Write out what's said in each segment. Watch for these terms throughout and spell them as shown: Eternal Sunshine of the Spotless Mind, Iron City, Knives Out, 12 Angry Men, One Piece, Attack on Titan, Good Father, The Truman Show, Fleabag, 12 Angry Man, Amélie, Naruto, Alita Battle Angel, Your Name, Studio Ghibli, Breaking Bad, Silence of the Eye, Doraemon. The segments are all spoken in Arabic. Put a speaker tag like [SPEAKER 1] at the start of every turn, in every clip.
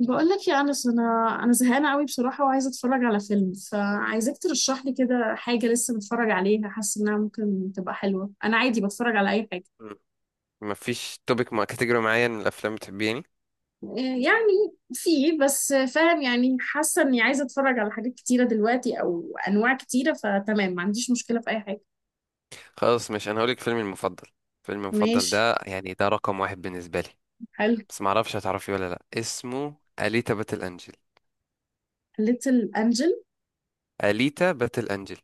[SPEAKER 1] بقول لك يا انس، انا زهقانه قوي بصراحه وعايزه اتفرج على فيلم، فعايزاك ترشح لي كده حاجه لسه بتفرج عليها حاسه انها ممكن تبقى حلوه. انا عادي بتفرج على اي حاجه.
[SPEAKER 2] ما فيش توبيك مع كاتيجوري معين من الافلام بتحبيه يعني؟
[SPEAKER 1] يعني في بس، فاهم يعني، حاسه اني عايزه اتفرج على حاجات كتيره دلوقتي او انواع كتيره، فتمام، ما عنديش مشكله في اي حاجه.
[SPEAKER 2] خلاص، مش انا هقولك فيلمي المفضل. فيلمي المفضل
[SPEAKER 1] ماشي.
[SPEAKER 2] ده يعني ده رقم واحد بالنسبه لي.
[SPEAKER 1] حلو.
[SPEAKER 2] بس ما اعرفش هتعرفي ولا لا، اسمه اليتا باتل انجل.
[SPEAKER 1] ليتل انجل.
[SPEAKER 2] اليتا باتل انجل.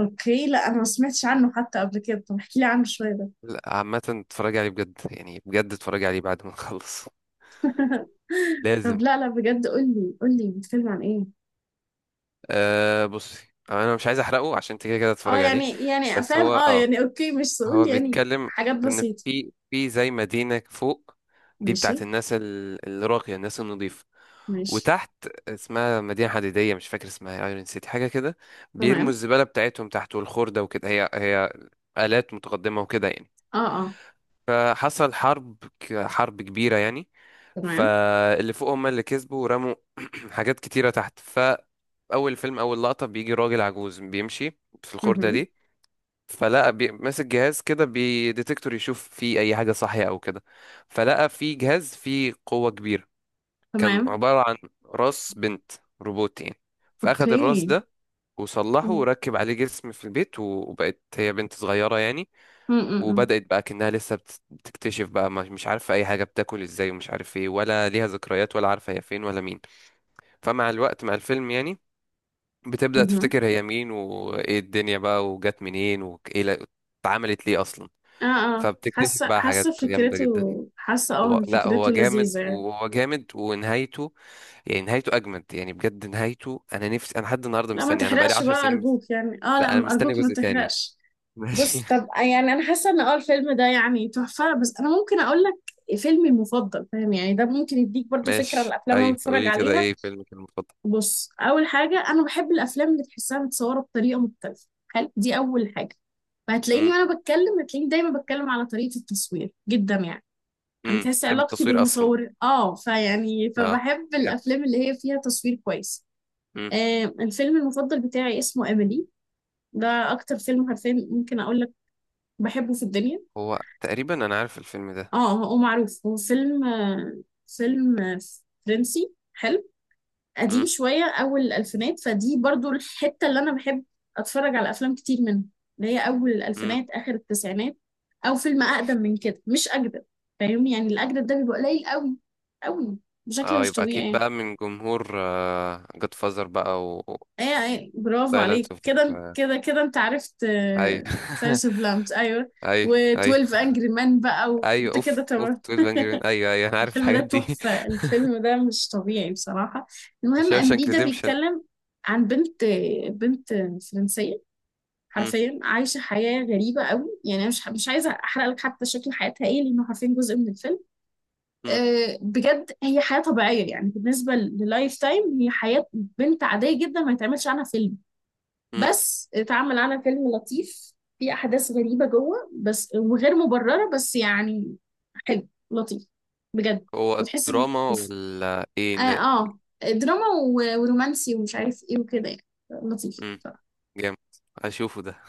[SPEAKER 1] اوكي. لا، انا ما سمعتش عنه حتى قبل كده. طب احكي لي عنه شويه ده.
[SPEAKER 2] لا عامه اتفرجي عليه بجد، يعني بجد اتفرجي عليه بعد ما نخلص.
[SPEAKER 1] طب
[SPEAKER 2] لازم.
[SPEAKER 1] لا لا، بجد قول لي بيتكلم عن ايه.
[SPEAKER 2] بصي انا مش عايز احرقه عشان انت كده كده
[SPEAKER 1] اه
[SPEAKER 2] تتفرج عليه.
[SPEAKER 1] يعني، يعني
[SPEAKER 2] بس
[SPEAKER 1] افهم
[SPEAKER 2] هو
[SPEAKER 1] اه يعني، اوكي مش سؤول،
[SPEAKER 2] هو
[SPEAKER 1] يعني
[SPEAKER 2] بيتكلم
[SPEAKER 1] حاجات
[SPEAKER 2] ان
[SPEAKER 1] بسيطة.
[SPEAKER 2] في زي مدينة فوق. دي
[SPEAKER 1] ماشي.
[SPEAKER 2] بتاعت الناس الراقية، الناس النظيفة.
[SPEAKER 1] ماشي.
[SPEAKER 2] وتحت اسمها مدينة حديدية، مش فاكر اسمها، ايرون سيتي حاجة كده. بيرموا
[SPEAKER 1] تمام.
[SPEAKER 2] الزبالة بتاعتهم تحت، والخردة وكده. هي هي آلات متقدمة وكده يعني.
[SPEAKER 1] اه اه.
[SPEAKER 2] فحصل حرب كبيرة يعني.
[SPEAKER 1] تمام.
[SPEAKER 2] فاللي فوق هم اللي كسبوا ورموا حاجات كتيرة تحت. فأول فيلم، أول لقطة، بيجي راجل عجوز بيمشي في الخردة
[SPEAKER 1] مهم.
[SPEAKER 2] دي. ماسك جهاز كده بديتكتور يشوف فيه أي حاجة صحية أو كده. فلقى فيه جهاز فيه قوة كبيرة. كان
[SPEAKER 1] تمام.
[SPEAKER 2] عبارة عن راس بنت روبوت يعني. فأخد الراس
[SPEAKER 1] اوكي.
[SPEAKER 2] ده وصلحه
[SPEAKER 1] مم.
[SPEAKER 2] وركب عليه جسم في البيت، وبقت هي بنت صغيرة يعني.
[SPEAKER 1] مم، مم، مم.
[SPEAKER 2] وبدأت بقى كأنها لسه بتكتشف بقى، مش عارفة أي حاجة، بتاكل إزاي ومش عارف إيه، ولا ليها ذكريات، ولا عارفة هي فين ولا مين. فمع الوقت، مع الفيلم يعني، بتبدأ
[SPEAKER 1] مهم.
[SPEAKER 2] تفتكر هي مين، وإيه الدنيا بقى، وجت منين، وإيه لا- اتعملت ليه أصلا.
[SPEAKER 1] اه اه،
[SPEAKER 2] فبتكتشف
[SPEAKER 1] حاسة
[SPEAKER 2] بقى حاجات
[SPEAKER 1] حاسة
[SPEAKER 2] جامدة
[SPEAKER 1] فكرته.
[SPEAKER 2] جدا.
[SPEAKER 1] حاسة اه
[SPEAKER 2] هو
[SPEAKER 1] ان
[SPEAKER 2] لا، هو
[SPEAKER 1] فكرته
[SPEAKER 2] جامد،
[SPEAKER 1] لذيذة يعني.
[SPEAKER 2] وهو جامد، ونهايته، يعني نهايته أجمد، يعني بجد نهايته، أنا نفسي، لحد النهاردة
[SPEAKER 1] لا ما
[SPEAKER 2] مستني، أنا بقالي
[SPEAKER 1] تحرقش
[SPEAKER 2] عشر
[SPEAKER 1] بقى
[SPEAKER 2] سنين مست...
[SPEAKER 1] ارجوك، يعني اه لا،
[SPEAKER 2] لا أنا مستني
[SPEAKER 1] ارجوك ما
[SPEAKER 2] جزء تاني.
[SPEAKER 1] تحرقش.
[SPEAKER 2] ماشي.
[SPEAKER 1] بص طب، يعني انا حاسة ان اه الفيلم ده يعني تحفة. بس انا ممكن اقول لك فيلمي المفضل، فاهم يعني؟ ده ممكن يديك برضو فكرة عن
[SPEAKER 2] ماشي،
[SPEAKER 1] الافلام اللي أنا
[SPEAKER 2] أيوه
[SPEAKER 1] بتفرج
[SPEAKER 2] قولي كده،
[SPEAKER 1] عليها.
[SPEAKER 2] إيه فيلمك المفضل؟
[SPEAKER 1] بص، اول حاجه انا بحب الافلام اللي تحسها متصوره بطريقه مختلفه، حلو، دي اول حاجه. فهتلاقيني وانا بتكلم هتلاقيني دايما بتكلم على طريقه التصوير جدا يعني. انا تحس
[SPEAKER 2] تحب
[SPEAKER 1] علاقتي
[SPEAKER 2] التصوير اصلا؟
[SPEAKER 1] بالمصور اه، فيعني
[SPEAKER 2] اه
[SPEAKER 1] فبحب
[SPEAKER 2] جامد.
[SPEAKER 1] الافلام اللي هي فيها تصوير كويس.
[SPEAKER 2] امم
[SPEAKER 1] آه، الفيلم المفضل بتاعي اسمه اميلي. ده اكتر فيلم حرفيا ممكن اقول لك بحبه في الدنيا.
[SPEAKER 2] هو تقريبا انا عارف الفيلم ده.
[SPEAKER 1] اه هو معروف، هو فيلم فيلم فرنسي حلو، قديم
[SPEAKER 2] امم
[SPEAKER 1] شوية، أول الألفينات، فدي برضو الحتة اللي أنا بحب أتفرج على أفلام كتير منها، اللي هي أول
[SPEAKER 2] امم.
[SPEAKER 1] الألفينات آخر التسعينات، أو فيلم أقدم من كده، مش أجدد. فاهم يعني؟ الأجدد ده بيبقى قليل أوي بشكل
[SPEAKER 2] اه
[SPEAKER 1] مش
[SPEAKER 2] يبقى
[SPEAKER 1] طبيعي
[SPEAKER 2] اكيد
[SPEAKER 1] يعني.
[SPEAKER 2] بقى من جمهور جود فازر بقى و
[SPEAKER 1] ايه ايه، برافو
[SPEAKER 2] سايلنس
[SPEAKER 1] عليك،
[SPEAKER 2] اوف
[SPEAKER 1] كده كده كده انت عرفت.
[SPEAKER 2] اي.
[SPEAKER 1] ساينس اوف لامبس، ايوه.
[SPEAKER 2] اي اي
[SPEAKER 1] و12 انجري مان بقى،
[SPEAKER 2] اي.
[SPEAKER 1] وانت كده
[SPEAKER 2] اوف اوف،
[SPEAKER 1] تمام.
[SPEAKER 2] 12 انجري مان، ايوه ايوه انا عارف
[SPEAKER 1] الفيلم ده
[SPEAKER 2] الحاجات دي.
[SPEAKER 1] تحفة، الفيلم ده مش طبيعي بصراحة. المهم، أميلي
[SPEAKER 2] وشاوشانك
[SPEAKER 1] ده
[SPEAKER 2] ريديمشن.
[SPEAKER 1] بيتكلم عن بنت فرنسية
[SPEAKER 2] امم.
[SPEAKER 1] حرفيا عايشة حياة غريبة قوي، يعني أنا مش عايزة أحرق لك حتى شكل حياتها إيه، لأنه حرفيا جزء من الفيلم.
[SPEAKER 2] امم.
[SPEAKER 1] أه بجد، هي حياة طبيعية يعني، بالنسبة للايف تايم هي حياة بنت عادية جدا ما يتعملش عنها فيلم،
[SPEAKER 2] امم.
[SPEAKER 1] بس اتعمل عنها فيلم لطيف. في أحداث غريبة جوه بس، وغير مبررة بس، يعني حلو، لطيف، بجد.
[SPEAKER 2] هو
[SPEAKER 1] وتحس ان
[SPEAKER 2] الدراما ولا ايه
[SPEAKER 1] اه،
[SPEAKER 2] ن-
[SPEAKER 1] دراما ورومانسي ومش عارف ايه وكده يعني. لطيف
[SPEAKER 2] مم.
[SPEAKER 1] بصراحة.
[SPEAKER 2] جامد. هشوفه ده.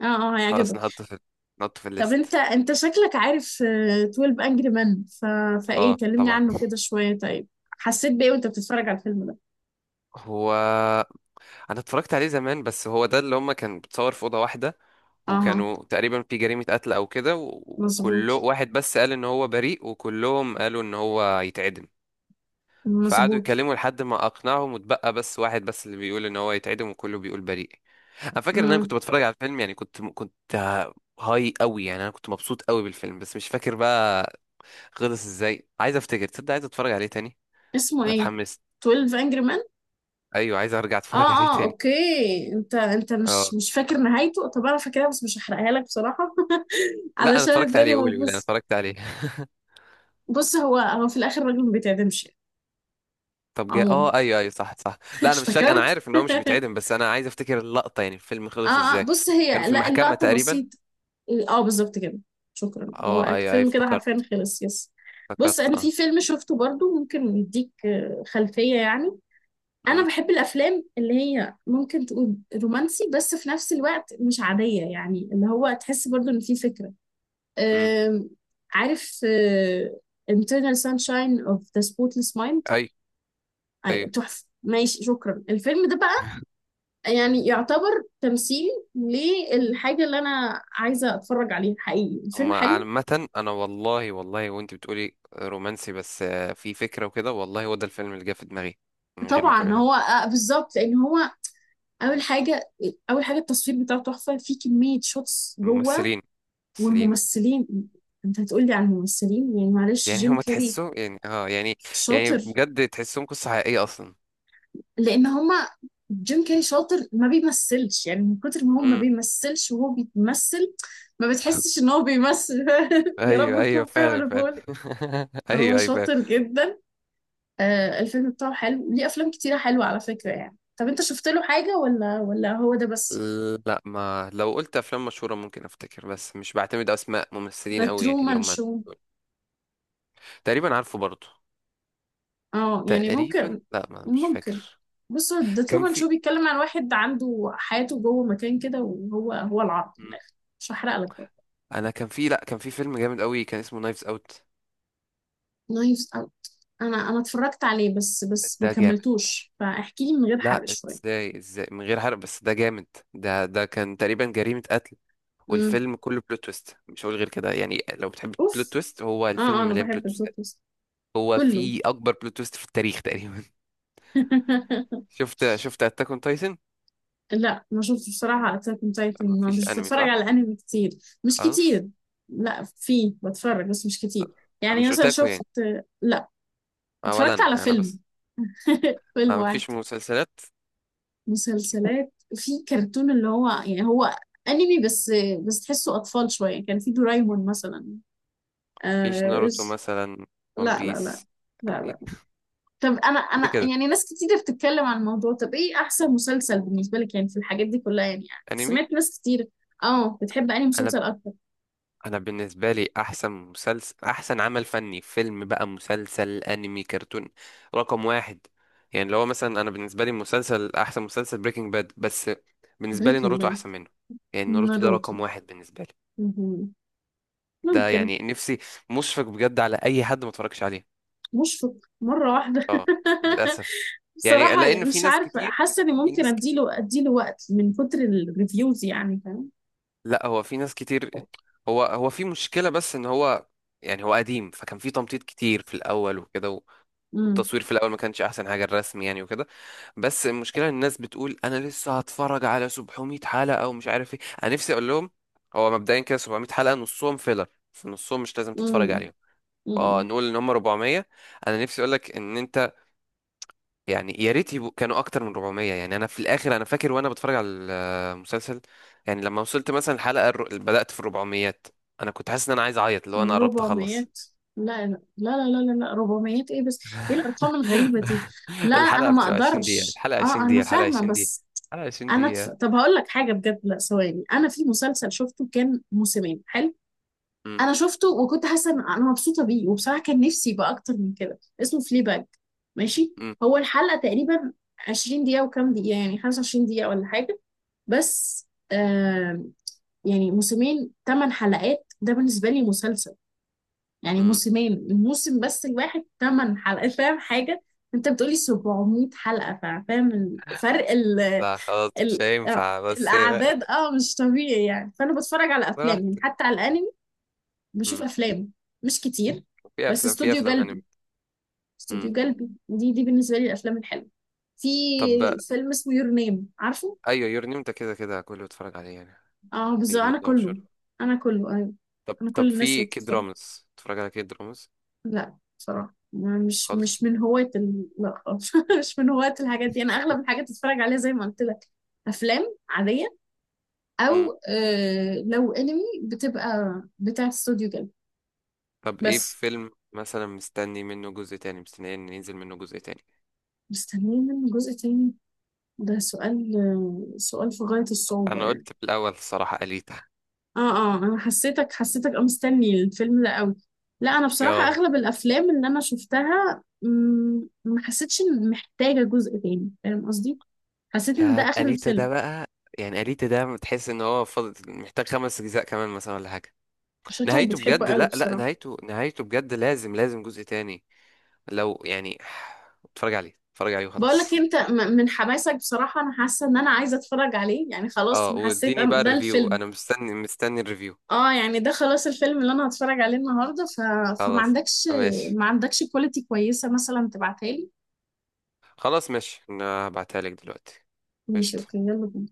[SPEAKER 1] اه اه،
[SPEAKER 2] خلاص،
[SPEAKER 1] هيعجبك.
[SPEAKER 2] نحطه نحطه في
[SPEAKER 1] طب انت
[SPEAKER 2] الليست.
[SPEAKER 1] انت شكلك عارف 12 انجري مان، فايه،
[SPEAKER 2] اه
[SPEAKER 1] كلمني
[SPEAKER 2] طبعا.
[SPEAKER 1] عنه كده شوية، طيب حسيت بايه وانت بتتفرج على الفيلم ده؟
[SPEAKER 2] هو انا اتفرجت عليه زمان، بس هو ده اللي هما كان بتصور في اوضه واحده.
[SPEAKER 1] اه.
[SPEAKER 2] وكانوا تقريبا في جريمه قتل او كده،
[SPEAKER 1] مظبوط.
[SPEAKER 2] وكله واحد بس قال ان هو بريء، وكلهم قالوا ان هو يتعدم. فقعدوا
[SPEAKER 1] مظبوط.
[SPEAKER 2] يتكلموا لحد ما اقنعهم، واتبقى بس واحد بس اللي بيقول ان هو يتعدم، وكله بيقول بريء. انا فاكر ان انا كنت
[SPEAKER 1] امم.
[SPEAKER 2] بتفرج على الفيلم، يعني كنت هاي قوي، يعني انا كنت مبسوط قوي بالفيلم، بس مش فاكر بقى خلص ازاي. عايز افتكر، تصدق عايز اتفرج عليه تاني.
[SPEAKER 1] اسمه
[SPEAKER 2] أنا
[SPEAKER 1] ايه؟
[SPEAKER 2] اتحمست.
[SPEAKER 1] 12 انجري مان.
[SPEAKER 2] ايوه عايز ارجع
[SPEAKER 1] اه.
[SPEAKER 2] اتفرج عليه
[SPEAKER 1] اه
[SPEAKER 2] تاني.
[SPEAKER 1] اوكي. انت انت مش
[SPEAKER 2] اه.
[SPEAKER 1] مش فاكر نهايته. طب انا فاكرها، بس مش هحرقها لك بصراحة.
[SPEAKER 2] لا انا
[SPEAKER 1] علشان
[SPEAKER 2] اتفرجت
[SPEAKER 1] الدنيا
[SPEAKER 2] عليه،
[SPEAKER 1] ما
[SPEAKER 2] قولي قولي انا
[SPEAKER 1] تبص.
[SPEAKER 2] اتفرجت عليه.
[SPEAKER 1] بص، هو هو في الاخر الراجل ما بيتعدمش يعني.
[SPEAKER 2] طب جاء،
[SPEAKER 1] عموما
[SPEAKER 2] ايوه ايوه، صح صح. لا انا مش فاكر، انا
[SPEAKER 1] افتكرت.
[SPEAKER 2] عارف ان هو مش بيتعدم، بس انا عايز افتكر اللقطه، يعني الفيلم
[SPEAKER 1] اه
[SPEAKER 2] خلص
[SPEAKER 1] اه،
[SPEAKER 2] ازاي.
[SPEAKER 1] بص،
[SPEAKER 2] كانوا
[SPEAKER 1] هي
[SPEAKER 2] في
[SPEAKER 1] لا،
[SPEAKER 2] المحكمه
[SPEAKER 1] اللقطة
[SPEAKER 2] تقريبا.
[SPEAKER 1] بسيطة. اه بالظبط كده. شكرا. هو
[SPEAKER 2] اه ايوه ايوه
[SPEAKER 1] الفيلم كده حرفيا
[SPEAKER 2] افتكرت.
[SPEAKER 1] خلص، يس. بص،
[SPEAKER 2] افتكرت
[SPEAKER 1] انا في فيلم شفته برضو ممكن يديك خلفية يعني.
[SPEAKER 2] امم.
[SPEAKER 1] انا بحب الافلام اللي هي ممكن تقول رومانسي بس في نفس الوقت مش عادية، يعني اللي هو تحس برضو ان في فكرة.
[SPEAKER 2] امم.
[SPEAKER 1] آم، عارف Internal Sunshine of the Spotless Mind؟
[SPEAKER 2] ايوه ايوه.
[SPEAKER 1] تحفة، ماشي، شكرا. الفيلم ده بقى يعني يعتبر تمثيل للحاجة اللي أنا عايزة أتفرج عليها حقيقي، الفيلم
[SPEAKER 2] هما
[SPEAKER 1] حلو.
[SPEAKER 2] عامة، أنا والله والله، وأنت بتقولي رومانسي بس في فكرة وكده، والله هو ده الفيلم اللي جه في دماغي من غير ما
[SPEAKER 1] طبعا
[SPEAKER 2] تقولي حاجة.
[SPEAKER 1] هو بالظبط، لأن هو أول حاجة أول حاجة التصوير بتاعه تحفة في كمية شوتس جوه،
[SPEAKER 2] الممثلين. الممثلين.
[SPEAKER 1] والممثلين، أنت هتقولي على الممثلين يعني، معلش،
[SPEAKER 2] يعني
[SPEAKER 1] جيم
[SPEAKER 2] هما
[SPEAKER 1] كاري
[SPEAKER 2] تحسوا يعني يعني، يعني
[SPEAKER 1] شاطر.
[SPEAKER 2] بجد تحسهم قصة حقيقية أصلا.
[SPEAKER 1] لأن هما، جيم كاري شاطر ما بيمثلش يعني، من كتر ما هو ما
[SPEAKER 2] امم.
[SPEAKER 1] بيمثلش وهو بيتمثل، ما بتحسش إن هو بيمثل. يا
[SPEAKER 2] أيوه
[SPEAKER 1] رب
[SPEAKER 2] أيوه
[SPEAKER 1] تكون فاهم
[SPEAKER 2] فعلا
[SPEAKER 1] أنا
[SPEAKER 2] فعلا.
[SPEAKER 1] بقول إيه. هو
[SPEAKER 2] أيوه أيوه.
[SPEAKER 1] شاطر جدا. آه، الفيلم بتاعه حلو، ليه افلام كتيره حلوه على فكره يعني. طب انت شفت له حاجه ولا هو ده بس؟
[SPEAKER 2] لا، ما لو قلت افلام مشهوره ممكن افتكر، بس مش بعتمد اسماء
[SPEAKER 1] ده
[SPEAKER 2] ممثلين قوي يعني اللي
[SPEAKER 1] ترومان
[SPEAKER 2] هم.
[SPEAKER 1] شو.
[SPEAKER 2] تقريبا عارفه برضه.
[SPEAKER 1] اه يعني
[SPEAKER 2] تقريبا
[SPEAKER 1] ممكن.
[SPEAKER 2] لا، ما مش
[SPEAKER 1] ممكن.
[SPEAKER 2] فاكر.
[SPEAKER 1] بص، هو ده
[SPEAKER 2] كان
[SPEAKER 1] ترومان
[SPEAKER 2] في
[SPEAKER 1] شو بيتكلم عن واحد عنده حياته جوه مكان كده، وهو هو العرض من
[SPEAKER 2] مم.
[SPEAKER 1] الاخر، مش هحرق لك بقى.
[SPEAKER 2] انا كان في لا كان في فيلم جامد قوي كان اسمه نايفز اوت.
[SPEAKER 1] نايفز أوت. انا اتفرجت عليه بس، ما
[SPEAKER 2] ده جامد.
[SPEAKER 1] كملتوش، فاحكي لي من غير حرق
[SPEAKER 2] لا،
[SPEAKER 1] شويه.
[SPEAKER 2] ازاي ازاي من غير حرق بس ده جامد. ده كان تقريبا جريمه قتل،
[SPEAKER 1] امم.
[SPEAKER 2] والفيلم كله بلوت تويست. مش هقول غير كده، يعني لو بتحب بلوت
[SPEAKER 1] اوف.
[SPEAKER 2] تويست هو
[SPEAKER 1] اه
[SPEAKER 2] الفيلم
[SPEAKER 1] اه، انا
[SPEAKER 2] مليان بلوت
[SPEAKER 1] بحب
[SPEAKER 2] تويستات.
[SPEAKER 1] البودكاست
[SPEAKER 2] هو
[SPEAKER 1] كله.
[SPEAKER 2] في اكبر بلوت تويست في التاريخ تقريبا. شفت اتاك اون تايتن؟
[SPEAKER 1] لا ما شفتش بصراحة أتاك أون تايتن، ما
[SPEAKER 2] مفيش
[SPEAKER 1] مش
[SPEAKER 2] انمي
[SPEAKER 1] بتفرج
[SPEAKER 2] صح؟
[SPEAKER 1] على أنمي كتير. مش
[SPEAKER 2] خلاص.
[SPEAKER 1] كتير. لا في بتفرج بس مش كتير. يعني
[SPEAKER 2] مش
[SPEAKER 1] مثلا
[SPEAKER 2] اوتاكو
[SPEAKER 1] شفت،
[SPEAKER 2] يعني.
[SPEAKER 1] لا
[SPEAKER 2] ولا
[SPEAKER 1] اتفرجت على
[SPEAKER 2] انا
[SPEAKER 1] فيلم،
[SPEAKER 2] بس.
[SPEAKER 1] فيلم واحد.
[SPEAKER 2] مفيش مسلسلات.
[SPEAKER 1] مسلسلات في كرتون اللي هو يعني هو أنمي، بس بس تحسه أطفال شوية، كان في دورايمون مثلا.
[SPEAKER 2] مفيش
[SPEAKER 1] آه...
[SPEAKER 2] ناروتو
[SPEAKER 1] إس-
[SPEAKER 2] مثلا؟ ون
[SPEAKER 1] لا لا لا
[SPEAKER 2] بيس؟
[SPEAKER 1] لا
[SPEAKER 2] إيه؟
[SPEAKER 1] لا. طب أنا
[SPEAKER 2] ليه كده؟
[SPEAKER 1] يعني ناس كتير بتتكلم عن الموضوع، طب إيه أحسن مسلسل بالنسبة لك يعني في الحاجات دي كلها، يعني، يعني
[SPEAKER 2] انمي.
[SPEAKER 1] سمعت ناس كتير. اه، بتحب أنهي
[SPEAKER 2] انا،
[SPEAKER 1] مسلسل أكتر؟
[SPEAKER 2] انا بالنسبه لي احسن مسلسل، احسن عمل فني، فيلم بقى، مسلسل، انمي، كرتون، رقم واحد. يعني اللي هو مثلا، انا بالنسبه لي مسلسل، احسن مسلسل بريكنج باد، بس بالنسبه لي
[SPEAKER 1] بريكنج
[SPEAKER 2] ناروتو
[SPEAKER 1] باد.
[SPEAKER 2] احسن منه. يعني ناروتو ده
[SPEAKER 1] ناروتو.
[SPEAKER 2] رقم واحد بالنسبه لي.
[SPEAKER 1] مهم.
[SPEAKER 2] ده
[SPEAKER 1] ممكن.
[SPEAKER 2] يعني نفسي، مشفق بجد على اي حد ما اتفرجش عليه.
[SPEAKER 1] مشفق. مرة واحدة.
[SPEAKER 2] اه للاسف. يعني
[SPEAKER 1] بصراحة
[SPEAKER 2] لان
[SPEAKER 1] يعني
[SPEAKER 2] في
[SPEAKER 1] مش
[SPEAKER 2] ناس
[SPEAKER 1] عارفة،
[SPEAKER 2] كتير،
[SPEAKER 1] حاسة اني
[SPEAKER 2] في
[SPEAKER 1] ممكن
[SPEAKER 2] ناس كتير
[SPEAKER 1] اديله وقت من كتر الريفيوز، يعني فاهم.
[SPEAKER 2] لا هو في ناس كتير. هو في مشكلة بس ان هو، يعني هو قديم، فكان في تمطيط كتير في الاول وكده
[SPEAKER 1] امم.
[SPEAKER 2] والتصوير في الاول ما كانش احسن حاجة، الرسم يعني وكده. بس المشكلة إن الناس بتقول انا لسه هتفرج على 700 حلقة ومش عارف ايه. انا نفسي اقول لهم هو مبدئيا كده 700 حلقة نصهم فيلر، في نصهم مش لازم تتفرج
[SPEAKER 1] امم.
[SPEAKER 2] عليهم،
[SPEAKER 1] امم.
[SPEAKER 2] فنقول ان هم 400. انا نفسي اقول لك ان انت، يعني يا ريت يبقوا كانوا اكتر من 400. يعني انا في الاخر انا فاكر وانا بتفرج على المسلسل، يعني لما وصلت مثلا الحلقه بدات في 400، انا كنت حاسس ان انا عايز اعيط، اللي هو انا قربت
[SPEAKER 1] 400؟
[SPEAKER 2] اخلص.
[SPEAKER 1] لا لا لا لا لا لا، 400 ايه بس؟ ايه الارقام الغريبة دي؟ لا، انا
[SPEAKER 2] الحلقه
[SPEAKER 1] ما
[SPEAKER 2] بتبقى 20 دقيقه،
[SPEAKER 1] اقدرش.
[SPEAKER 2] الحلقه
[SPEAKER 1] اه
[SPEAKER 2] 20
[SPEAKER 1] انا
[SPEAKER 2] دقيقه، الحلقه
[SPEAKER 1] فاهمة
[SPEAKER 2] 20 دقيقه،
[SPEAKER 1] بس.
[SPEAKER 2] الحلقه 20
[SPEAKER 1] انا
[SPEAKER 2] دقيقه.
[SPEAKER 1] طب هقول لك حاجة بجد، لا ثواني، انا في مسلسل شفته كان موسمين حلو.
[SPEAKER 2] امم.
[SPEAKER 1] انا شفته وكنت حاسه ان انا مبسوطه بيه، وبصراحه كان نفسي يبقى اكتر من كده. اسمه فلي باج، ماشي؟
[SPEAKER 2] امم.
[SPEAKER 1] هو الحلقه تقريبا 20 دقيقه وكام دقيقه، يعني 25 دقيقه ولا حاجه. بس، آه، يعني موسمين 8 حلقات، ده بالنسبه لي مسلسل، يعني
[SPEAKER 2] امم.
[SPEAKER 1] موسمين الموسم بس الواحد 8 حلقات، فاهم حاجه؟ انت بتقولي 700 حلقه، فاهم الفرق؟ ال
[SPEAKER 2] لا خلاص مش
[SPEAKER 1] ال
[SPEAKER 2] هينفع بس.
[SPEAKER 1] الاعداد اه مش طبيعي يعني. فانا بتفرج على افلام يعني،
[SPEAKER 2] براحتك.
[SPEAKER 1] حتى على الانمي بشوف
[SPEAKER 2] امم.
[SPEAKER 1] افلام، مش كتير، بس
[SPEAKER 2] في
[SPEAKER 1] استوديو
[SPEAKER 2] افلام
[SPEAKER 1] قلبي،
[SPEAKER 2] انمي. امم.
[SPEAKER 1] استوديو قلبي دي بالنسبه لي الافلام الحلوه. في
[SPEAKER 2] طب
[SPEAKER 1] فيلم اسمه يور نيم، عارفه؟
[SPEAKER 2] ايوه، يور نيم ده كده كده كله بيتفرج عليه يعني.
[SPEAKER 1] اه بالظبط.
[SPEAKER 2] يور
[SPEAKER 1] انا
[SPEAKER 2] نيم ده
[SPEAKER 1] كله،
[SPEAKER 2] مشهور.
[SPEAKER 1] انا كله، ايوه،
[SPEAKER 2] طب
[SPEAKER 1] انا
[SPEAKER 2] طب
[SPEAKER 1] كل الناس
[SPEAKER 2] في كيد
[SPEAKER 1] بتتفرج.
[SPEAKER 2] رامز؟ بتتفرج على كيد رامز؟
[SPEAKER 1] لا، بصراحه، مش
[SPEAKER 2] خالص.
[SPEAKER 1] مش من هواة ال... لا خالص، مش من هواة الحاجات دي. انا اغلب الحاجات بتفرج عليها زي ما قلت لك، افلام عاديه،
[SPEAKER 2] مم.
[SPEAKER 1] او آه لو انمي بتبقى بتاع استوديو جلب.
[SPEAKER 2] طب ايه
[SPEAKER 1] بس،
[SPEAKER 2] فيلم مثلا مستني منه جزء تاني، مستني ان ينزل منه جزء تاني؟
[SPEAKER 1] مستنيين منه جزء تاني، ده سؤال، سؤال في غاية الصعوبة
[SPEAKER 2] انا
[SPEAKER 1] يعني.
[SPEAKER 2] قلت في الاول الصراحة أليتا.
[SPEAKER 1] اه اه، انا حسيتك اه مستني الفيلم ده قوي. لا انا بصراحة
[SPEAKER 2] اه
[SPEAKER 1] اغلب الافلام اللي انا شفتها، مم، ما حسيتش ان محتاجة جزء تاني، فاهم قصدي؟ حسيت ان ده
[SPEAKER 2] يا
[SPEAKER 1] اخر
[SPEAKER 2] أليتا
[SPEAKER 1] الفيلم.
[SPEAKER 2] ده بقى، يعني أليتا ده تحس ان هو فاضل محتاج 5 اجزاء كمان مثلا ولا حاجة.
[SPEAKER 1] شكلك
[SPEAKER 2] نهايته
[SPEAKER 1] بتحبه
[SPEAKER 2] بجد،
[SPEAKER 1] قوي
[SPEAKER 2] لا لا،
[SPEAKER 1] بصراحة.
[SPEAKER 2] نهايته، بجد لازم لازم جزء تاني. لو يعني، اتفرج عليه اتفرج عليه
[SPEAKER 1] بقول لك
[SPEAKER 2] وخلاص.
[SPEAKER 1] إيه، انت من حماسك بصراحة انا حاسة ان انا عايزة اتفرج عليه يعني خلاص،
[SPEAKER 2] اه
[SPEAKER 1] انا حسيت
[SPEAKER 2] واديني بقى
[SPEAKER 1] ده
[SPEAKER 2] الريفيو،
[SPEAKER 1] الفيلم.
[SPEAKER 2] انا مستني مستني الريفيو.
[SPEAKER 1] اه يعني ده خلاص الفيلم اللي انا هتفرج عليه النهارده، فما
[SPEAKER 2] خلاص
[SPEAKER 1] عندكش،
[SPEAKER 2] ماشي.
[SPEAKER 1] ما عندكش كواليتي كويسة مثلا تبعتها لي؟
[SPEAKER 2] خلاص ماشي انا هبعتها لك دلوقتي.
[SPEAKER 1] ماشي اوكي،
[SPEAKER 2] قشطة.
[SPEAKER 1] يلا بينا.